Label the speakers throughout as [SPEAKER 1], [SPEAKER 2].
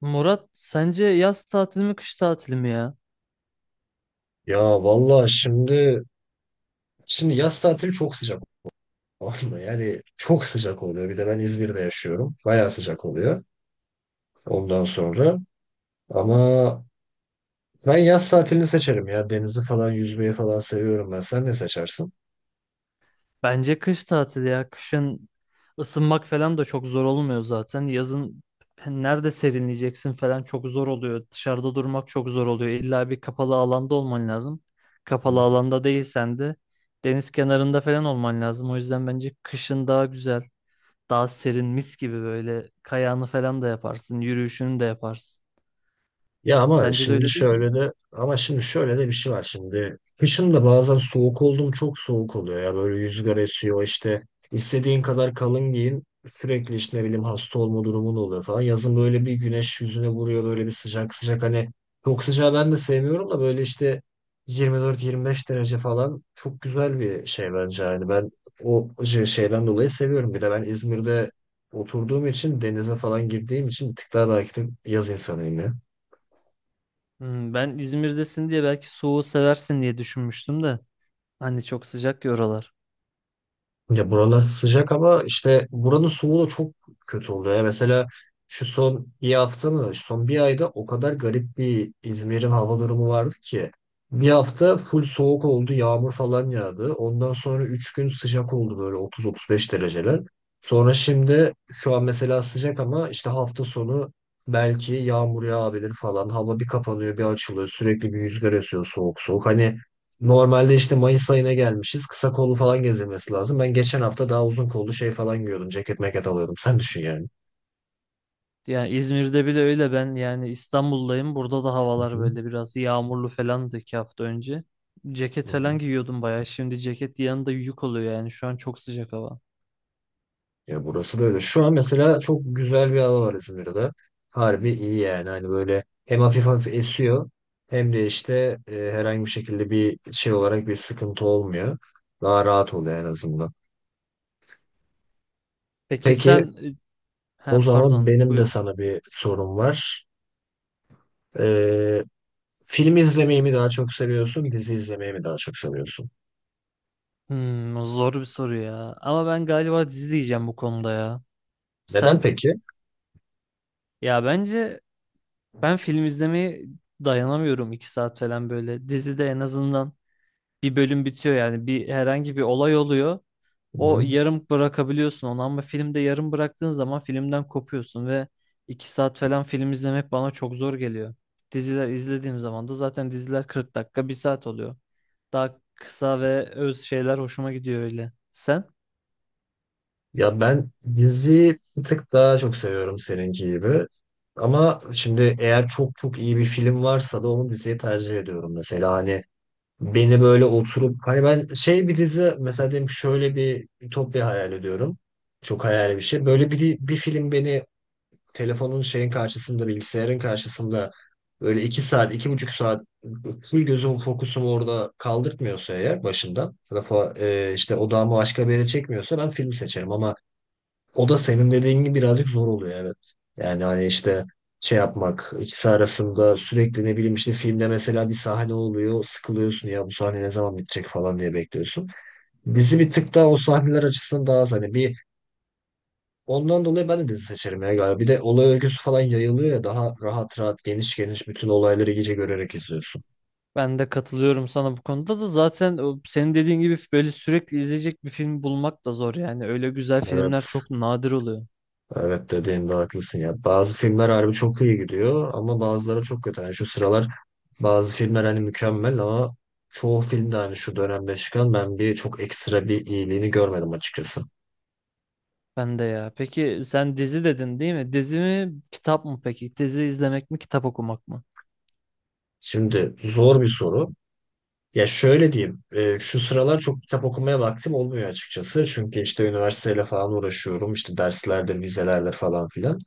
[SPEAKER 1] Murat sence yaz tatili mi kış tatili mi ya?
[SPEAKER 2] Ya valla şimdi, yaz tatili çok sıcak olmuyor. Yani çok sıcak oluyor. Bir de ben İzmir'de yaşıyorum. Bayağı sıcak oluyor ondan sonra. Ama ben yaz tatilini seçerim ya. Denizi falan yüzmeyi falan seviyorum ben. Sen ne seçersin?
[SPEAKER 1] Bence kış tatili ya. Kışın ısınmak falan da çok zor olmuyor zaten. Yazın nerede serinleyeceksin falan çok zor oluyor. Dışarıda durmak çok zor oluyor. İlla bir kapalı alanda olman lazım. Kapalı alanda değilsen de deniz kenarında falan olman lazım. O yüzden bence kışın daha güzel, daha serin, mis gibi böyle kayağını falan da yaparsın, yürüyüşünü de yaparsın.
[SPEAKER 2] Ya ama
[SPEAKER 1] Sence de
[SPEAKER 2] şimdi
[SPEAKER 1] öyle değil mi?
[SPEAKER 2] şöyle de, bir şey var şimdi. Kışın da bazen soğuk oldum, çok soğuk oluyor ya, böyle rüzgar esiyor işte, istediğin kadar kalın giyin sürekli işte, ne bileyim, hasta olma durumun oluyor falan. Yazın böyle bir güneş yüzüne vuruyor, böyle bir sıcak sıcak, hani çok sıcağı ben de sevmiyorum da böyle işte 24-25 derece falan çok güzel bir şey bence. Yani ben o şey, şeyden dolayı seviyorum. Bir de ben İzmir'de oturduğum için, denize falan girdiğim için bir tık daha belki de yaz insanıyım ya.
[SPEAKER 1] Hmm, ben İzmir'desin diye belki soğuğu seversin diye düşünmüştüm de. Hani çok sıcak ya oralar.
[SPEAKER 2] Ya buralar sıcak ama işte buranın soğuğu da çok kötü oluyor. Ya mesela şu son bir hafta mı, son bir ayda o kadar garip bir İzmir'in hava durumu vardı ki. Bir hafta full soğuk oldu, yağmur falan yağdı. Ondan sonra 3 gün sıcak oldu, böyle 30-35 dereceler. Sonra şimdi şu an mesela sıcak ama işte hafta sonu belki yağmur yağabilir falan. Hava bir kapanıyor, bir açılıyor. Sürekli bir rüzgar esiyor soğuk soğuk. Hani normalde işte Mayıs ayına gelmişiz. Kısa kollu falan gezilmesi lazım. Ben geçen hafta daha uzun kollu şey falan giyiyordum. Ceket meket alıyordum. Sen düşün yani.
[SPEAKER 1] Yani İzmir'de bile öyle, ben yani İstanbul'dayım. Burada da
[SPEAKER 2] Hı
[SPEAKER 1] havalar
[SPEAKER 2] hı.
[SPEAKER 1] böyle biraz yağmurlu falandı iki hafta önce.
[SPEAKER 2] Hı
[SPEAKER 1] Ceket
[SPEAKER 2] hı.
[SPEAKER 1] falan giyiyordum bayağı. Şimdi ceket yanında yük oluyor yani. Şu an çok sıcak hava.
[SPEAKER 2] Ya burası böyle. Şu an mesela çok güzel bir hava var İzmir'de. Harbi iyi yani. Hani böyle hem hafif hafif esiyor, hem de işte, herhangi bir şekilde bir şey olarak bir sıkıntı olmuyor. Daha rahat oluyor en azından.
[SPEAKER 1] Peki sen...
[SPEAKER 2] Peki,
[SPEAKER 1] ha
[SPEAKER 2] o zaman
[SPEAKER 1] pardon,
[SPEAKER 2] benim de
[SPEAKER 1] buyur.
[SPEAKER 2] sana bir sorum var. E, Film izlemeyi mi daha çok seviyorsun, dizi izlemeyi mi daha çok seviyorsun?
[SPEAKER 1] Hmm, o zor bir soru ya. Ama ben galiba dizi diyeceğim bu konuda ya.
[SPEAKER 2] Neden
[SPEAKER 1] Sen?
[SPEAKER 2] peki?
[SPEAKER 1] Ya bence ben film izlemeye dayanamıyorum iki saat falan böyle. Dizide en azından bir bölüm bitiyor, yani bir herhangi bir olay oluyor. O,
[SPEAKER 2] Hı.
[SPEAKER 1] yarım bırakabiliyorsun onu, ama filmde yarım bıraktığın zaman filmden kopuyorsun ve iki saat falan film izlemek bana çok zor geliyor. Diziler izlediğim zaman da zaten diziler 40 dakika bir saat oluyor. Daha kısa ve öz şeyler hoşuma gidiyor öyle. Sen?
[SPEAKER 2] Ya ben dizi bir tık daha çok seviyorum, seninki gibi. Ama şimdi eğer çok çok iyi bir film varsa da onu diziye tercih ediyorum mesela. Hani beni böyle oturup, hani ben şey, bir dizi mesela, diyelim ki şöyle bir ütopya hayal ediyorum. Çok hayali bir şey. Böyle bir, bir film beni telefonun şeyin karşısında, bilgisayarın karşısında böyle iki saat, iki buçuk saat full gözüm fokusumu orada kaldırtmıyorsa eğer başından, ya da işte odağımı başka bir yere çekmiyorsa, ben film seçerim. Ama o da senin dediğin gibi birazcık zor oluyor, evet. Yani hani işte şey yapmak ikisi arasında, sürekli ne bileyim, işte filmde mesela bir sahne oluyor, sıkılıyorsun ya, bu sahne ne zaman bitecek falan diye bekliyorsun. Dizi bir tık daha o sahneler açısından daha az, hani bir ondan dolayı ben de dizi seçerim ya galiba. Bir de olay örgüsü falan yayılıyor ya, daha rahat rahat, geniş geniş bütün olayları iyice görerek izliyorsun.
[SPEAKER 1] Ben de katılıyorum sana bu konuda da, zaten o senin dediğin gibi böyle sürekli izleyecek bir film bulmak da zor yani. Öyle güzel filmler
[SPEAKER 2] Evet,
[SPEAKER 1] çok nadir oluyor.
[SPEAKER 2] evet, dediğinde haklısın ya. Bazı filmler harbi çok iyi gidiyor ama bazıları çok kötü. Yani şu sıralar bazı filmler hani mükemmel ama çoğu filmde, hani şu dönemde çıkan, ben bir çok ekstra bir iyiliğini görmedim açıkçası.
[SPEAKER 1] Ben de ya. Peki sen dizi dedin değil mi? Dizi mi, kitap mı peki? Dizi izlemek mi, kitap okumak mı?
[SPEAKER 2] Şimdi zor bir soru. Ya şöyle diyeyim, şu sıralar çok kitap okumaya vaktim olmuyor açıkçası. Çünkü işte üniversiteyle falan uğraşıyorum. İşte derslerdir, vizelerdir, falan filan.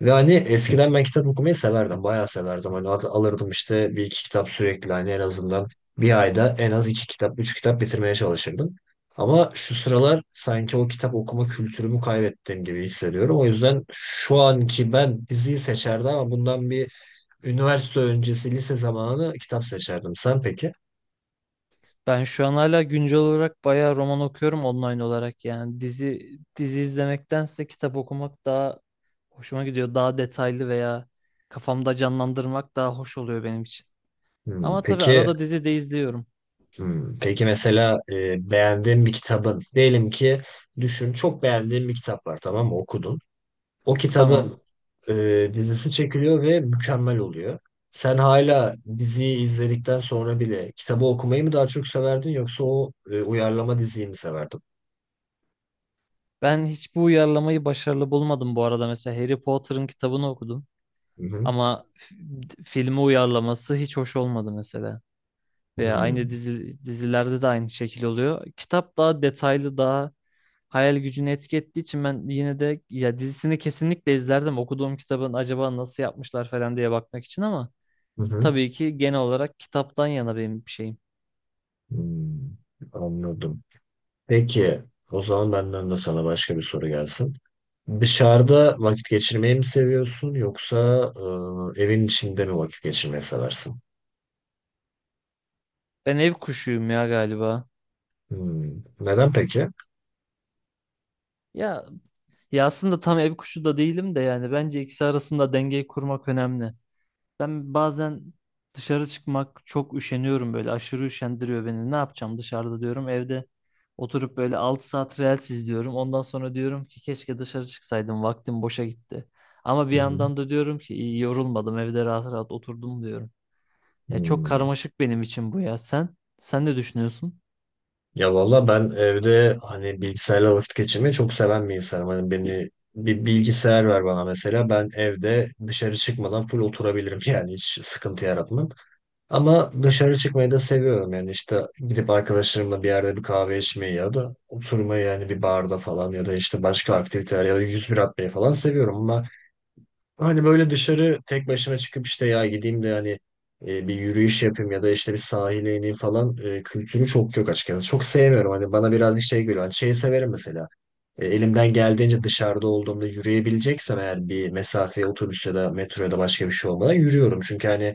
[SPEAKER 2] Ve hani eskiden ben kitap okumayı severdim, bayağı severdim. Hani alırdım işte bir iki kitap sürekli, hani en azından bir ayda en az iki kitap, üç kitap bitirmeye çalışırdım. Ama şu sıralar sanki o kitap okuma kültürümü kaybettiğim gibi hissediyorum. O yüzden şu anki ben diziyi seçerdim ama bundan bir üniversite öncesi, lise zamanı kitap seçerdim. Sen peki?
[SPEAKER 1] Ben şu an hala güncel olarak bayağı roman okuyorum, online olarak yani. Dizi izlemektense kitap okumak daha hoşuma gidiyor. Daha detaylı veya kafamda canlandırmak daha hoş oluyor benim için.
[SPEAKER 2] Hmm.
[SPEAKER 1] Ama tabii
[SPEAKER 2] Peki.
[SPEAKER 1] arada dizi de izliyorum.
[SPEAKER 2] Hmm. Peki mesela, beğendiğin bir kitabın, diyelim ki düşün çok beğendiğin bir kitap var, tamam mı, okudun. O
[SPEAKER 1] Tamam.
[SPEAKER 2] kitabın dizisi çekiliyor ve mükemmel oluyor. Sen hala diziyi izledikten sonra bile kitabı okumayı mı daha çok severdin, yoksa o uyarlama diziyi mi severdin?
[SPEAKER 1] Ben hiç bu uyarlamayı başarılı bulmadım bu arada. Mesela Harry Potter'ın kitabını okudum.
[SPEAKER 2] Hı hı.
[SPEAKER 1] Ama filmi uyarlaması hiç hoş olmadı mesela. Veya aynı
[SPEAKER 2] Hmm.
[SPEAKER 1] dizi, dizilerde de aynı şekil oluyor. Kitap daha detaylı, daha hayal gücünü etki ettiği için ben yine de ya dizisini kesinlikle izlerdim. Okuduğum kitabın acaba nasıl yapmışlar falan diye bakmak için, ama
[SPEAKER 2] Hı hı.
[SPEAKER 1] tabii ki genel olarak kitaptan yana benim bir şeyim.
[SPEAKER 2] Hmm, anladım. Peki, o zaman benden de sana başka bir soru gelsin. Dışarıda vakit geçirmeyi mi seviyorsun, yoksa evin içinde mi vakit geçirmeyi seversin?
[SPEAKER 1] Ben ev kuşuyum ya galiba.
[SPEAKER 2] Hmm. Neden peki?
[SPEAKER 1] Ya ya aslında tam ev kuşu da değilim de, yani bence ikisi arasında dengeyi kurmak önemli. Ben bazen dışarı çıkmak çok üşeniyorum, böyle aşırı üşendiriyor beni. Ne yapacağım dışarıda diyorum. Evde oturup böyle 6 saat Reels izliyorum. Ondan sonra diyorum ki keşke dışarı çıksaydım. Vaktim boşa gitti. Ama bir
[SPEAKER 2] Hı hı.
[SPEAKER 1] yandan da diyorum ki iyi, yorulmadım. Evde rahat rahat oturdum diyorum. Ya çok
[SPEAKER 2] Hmm.
[SPEAKER 1] karmaşık benim için bu ya. Sen ne düşünüyorsun?
[SPEAKER 2] Ya valla ben evde, hani bilgisayarla vakit geçirmeyi çok seven bir insanım. Hani beni bir bilgisayar ver bana mesela, ben evde dışarı çıkmadan full oturabilirim yani, hiç sıkıntı yaratmam. Ama dışarı çıkmayı da seviyorum yani, işte gidip arkadaşlarımla bir yerde bir kahve içmeyi, ya da oturmayı yani bir barda falan, ya da işte başka aktiviteler, ya da 101 atmayı falan seviyorum ama. Hani böyle dışarı tek başıma çıkıp işte, ya gideyim de hani bir yürüyüş yapayım, ya da işte bir sahile ineyim falan, kültürü çok yok açıkçası. Çok sevmiyorum, hani bana birazcık şey geliyor. Hani şeyi severim mesela. Elimden geldiğince dışarıda olduğumda, yürüyebileceksem eğer bir mesafeye, otobüs ya da metro ya da başka bir şey olmadan yürüyorum. Çünkü hani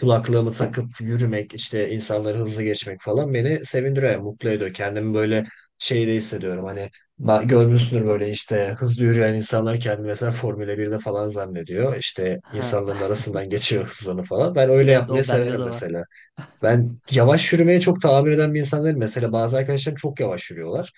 [SPEAKER 2] kulaklığımı takıp yürümek, işte insanları hızlı geçmek falan beni sevindiriyor, mutlu ediyor. Kendimi böyle şeyde hissediyorum hani, görmüşsündür böyle, işte hızlı yürüyen insanlar kendini mesela Formula birde falan zannediyor. İşte
[SPEAKER 1] Ha,
[SPEAKER 2] insanların arasından geçiyor hızlarını falan. Ben öyle
[SPEAKER 1] evet,
[SPEAKER 2] yapmayı
[SPEAKER 1] o bende
[SPEAKER 2] severim
[SPEAKER 1] de var.
[SPEAKER 2] mesela. Ben yavaş yürümeye çok tahammül eden bir insan değilim. Mesela bazı arkadaşlarım çok yavaş yürüyorlar.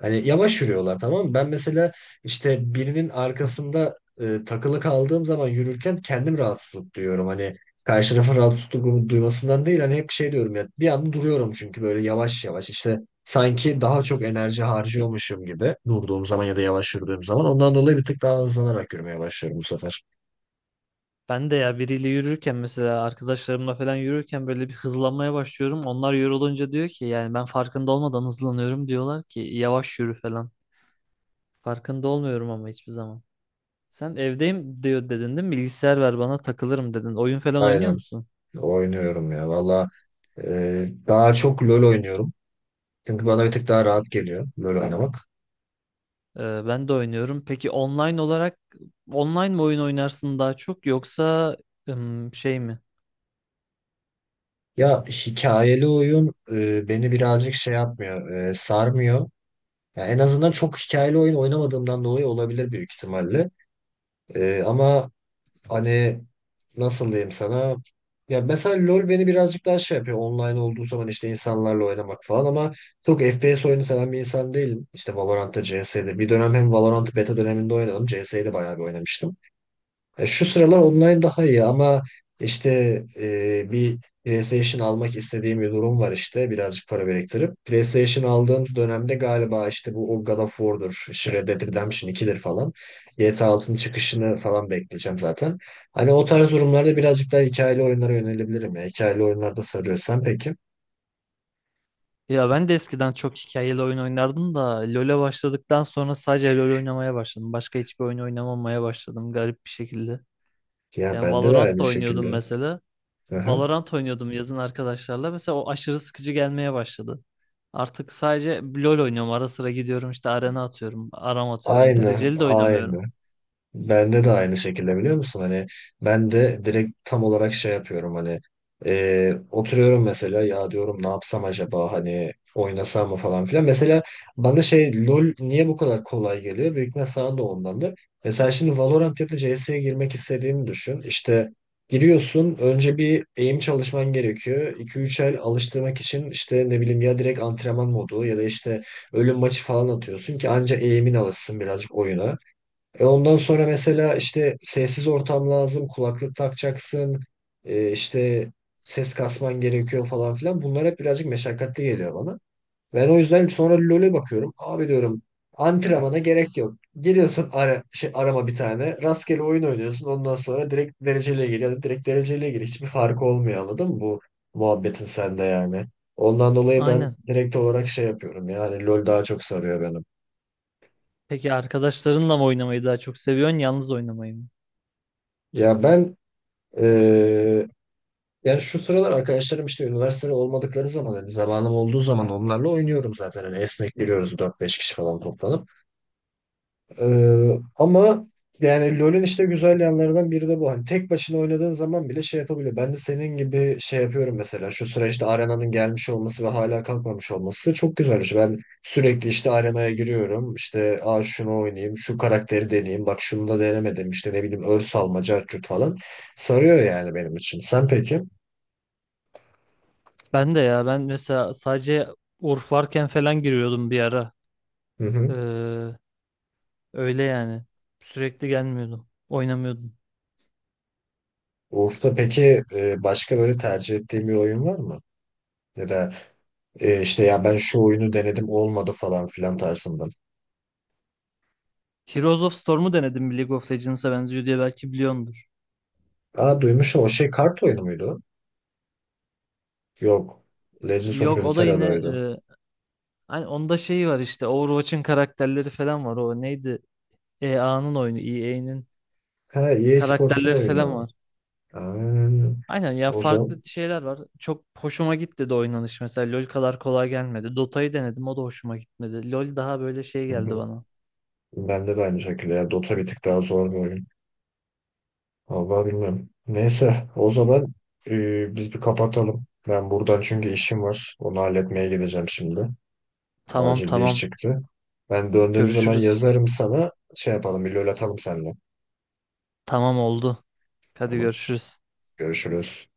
[SPEAKER 2] Hani yavaş yürüyorlar, tamam mı? Ben mesela işte birinin arkasında takılı kaldığım zaman yürürken kendim rahatsızlık duyuyorum. Hani karşı tarafın rahatsızlık duymasından değil, hani hep şey diyorum ya, bir anda duruyorum. Çünkü böyle yavaş yavaş işte, sanki daha çok enerji harcıyormuşum gibi durduğum zaman ya da yavaş yürüdüğüm zaman, ondan dolayı bir tık daha hızlanarak yürümeye başlıyorum bu sefer.
[SPEAKER 1] Ben de ya, biriyle yürürken mesela arkadaşlarımla falan yürürken böyle bir hızlanmaya başlıyorum. Onlar yorulunca diyor ki, yani ben farkında olmadan hızlanıyorum, diyorlar ki yavaş yürü falan. Farkında olmuyorum ama hiçbir zaman. Sen evdeyim diyor dedin değil mi? Bilgisayar ver bana takılırım dedin. Oyun falan oynuyor
[SPEAKER 2] Aynen,
[SPEAKER 1] musun?
[SPEAKER 2] oynuyorum ya valla, daha çok LoL oynuyorum. Çünkü bana bir tık daha rahat geliyor LoL oynamak.
[SPEAKER 1] Ben de oynuyorum. Peki online olarak, online mi oyun oynarsın daha çok, yoksa şey mi?
[SPEAKER 2] Ya hikayeli oyun beni birazcık şey yapmıyor, sarmıyor. Ya en azından çok hikayeli oyun oynamadığımdan dolayı olabilir büyük ihtimalle. Ama hani, nasıl diyeyim sana? Ya mesela LoL beni birazcık daha şey yapıyor. Online olduğu zaman işte insanlarla oynamak falan, ama çok FPS oyunu seven bir insan değilim. İşte Valorant'ta, CS'de. Bir dönem hem Valorant'ı beta döneminde oynadım. CS'de bayağı bir oynamıştım. Şu sıralar online daha iyi ama işte, bir PlayStation almak istediğim bir durum var, işte birazcık para biriktirip. PlayStation aldığım dönemde galiba işte bu o God of War'dur, işte Red Dead Redemption 2'dir falan. GTA 6'nın çıkışını falan bekleyeceğim zaten. Hani o tarz durumlarda birazcık daha hikayeli oyunlara yönelebilirim. Ya, hikayeli oyunlarda sarıyorsan peki.
[SPEAKER 1] Ya ben de eskiden çok hikayeli oyun oynardım da LoL'e başladıktan sonra sadece LoL oynamaya başladım. Başka hiçbir oyun oynamamaya başladım garip bir şekilde.
[SPEAKER 2] Ya
[SPEAKER 1] Yani
[SPEAKER 2] bende de
[SPEAKER 1] Valorant
[SPEAKER 2] aynı
[SPEAKER 1] da oynuyordum
[SPEAKER 2] şekilde.
[SPEAKER 1] mesela.
[SPEAKER 2] Aha.
[SPEAKER 1] Valorant oynuyordum yazın arkadaşlarla. Mesela o aşırı sıkıcı gelmeye başladı. Artık sadece LoL oynuyorum. Ara sıra gidiyorum işte arena atıyorum, aram atıyorum.
[SPEAKER 2] Aynı,
[SPEAKER 1] Dereceli de oynamıyorum.
[SPEAKER 2] aynı. Bende de aynı şekilde biliyor musun? Hani ben de direkt tam olarak şey yapıyorum hani, oturuyorum mesela, ya diyorum ne yapsam acaba, hani oynasam mı falan filan. Mesela bana şey, LoL niye bu kadar kolay geliyor? Büyük ihtimal sana da ondandır. Mesela şimdi Valorant ya da CS'ye girmek istediğini düşün. İşte giriyorsun, önce bir eğim çalışman gerekiyor. İki üç el alıştırmak için işte, ne bileyim, ya direkt antrenman modu ya da işte ölüm maçı falan atıyorsun ki anca eğimin alışsın birazcık oyuna. E, ondan sonra mesela işte sessiz ortam lazım, kulaklık takacaksın, işte ses kasman gerekiyor falan filan. Bunlar hep birazcık meşakkatli geliyor bana. Ben o yüzden sonra LoL'e bakıyorum. Abi, diyorum, antrenmana gerek yok. Geliyorsun ara, şey, arama bir tane. Rastgele oyun oynuyorsun. Ondan sonra direkt dereceliğe gir, ya da direkt dereceliğe gir. Hiçbir farkı olmuyor, anladın mı bu muhabbetin sende yani. Ondan dolayı ben
[SPEAKER 1] Aynen.
[SPEAKER 2] direkt olarak şey yapıyorum yani, LoL daha çok sarıyor benim.
[SPEAKER 1] Peki arkadaşlarınla mı oynamayı daha çok seviyorsun, yalnız oynamayı mı?
[SPEAKER 2] Ya ben eee, yani şu sıralar arkadaşlarım işte üniversitede olmadıkları zaman, hani zamanım olduğu zaman onlarla oynuyorum zaten. Hani esnek giriyoruz 4-5 kişi falan toplanıp. Ee, Ama yani LoL'ün işte güzel yanlarından biri de bu. Hani tek başına oynadığın zaman bile şey yapabiliyor. Ben de senin gibi şey yapıyorum mesela. Şu sıra işte Arena'nın gelmiş olması ve hala kalkmamış olması çok güzel güzelmiş. Ben sürekli işte Arena'ya giriyorum. İşte, aa, şunu oynayayım, şu karakteri deneyeyim. Bak şunu da denemedim. İşte ne bileyim, örs alma, cartçut falan. Sarıyor yani benim için. Sen peki?
[SPEAKER 1] Ben de ya, ben mesela sadece Urf varken falan giriyordum bir ara.
[SPEAKER 2] Hı hı.
[SPEAKER 1] Ee, Öyle yani. Sürekli gelmiyordum. Oynamıyordum.
[SPEAKER 2] Uğur'da peki, başka böyle tercih ettiğin bir oyun var mı? Ya da işte, ya ben şu oyunu denedim olmadı falan filan tarzından.
[SPEAKER 1] Heroes of Storm'u denedim, bir League of Legends'a benziyor diye, belki biliyordur.
[SPEAKER 2] Aa, duymuşum. O şey kart oyunu muydu? Yok. Legends of
[SPEAKER 1] Yok, o da yine
[SPEAKER 2] Runeterra'daydı.
[SPEAKER 1] e, hani onda şeyi var, işte Overwatch'ın karakterleri falan var. O neydi? EA'nın oyunu, EA'nin
[SPEAKER 2] Ha, EA Sports'un
[SPEAKER 1] karakterleri
[SPEAKER 2] oyunu.
[SPEAKER 1] falan var.
[SPEAKER 2] Aa,
[SPEAKER 1] Aynen ya,
[SPEAKER 2] o zaman
[SPEAKER 1] farklı şeyler var. Çok hoşuma gitti de oynanış mesela. LoL kadar kolay gelmedi. Dota'yı denedim, o da hoşuma gitmedi. LoL daha böyle şey
[SPEAKER 2] hı
[SPEAKER 1] geldi
[SPEAKER 2] hı.
[SPEAKER 1] bana.
[SPEAKER 2] Bende de aynı şekilde ya, Dota bir tık daha zor bir oyun. Vallahi bilmiyorum. Neyse, o zaman biz bir kapatalım. Ben buradan, çünkü işim var. Onu halletmeye gideceğim şimdi.
[SPEAKER 1] Tamam
[SPEAKER 2] Acil bir iş
[SPEAKER 1] tamam,
[SPEAKER 2] çıktı. Ben döndüğüm zaman
[SPEAKER 1] görüşürüz.
[SPEAKER 2] yazarım sana. Şey yapalım, bir lol atalım seninle.
[SPEAKER 1] Tamam oldu. Hadi
[SPEAKER 2] Tamam.
[SPEAKER 1] görüşürüz.
[SPEAKER 2] Görüşürüz.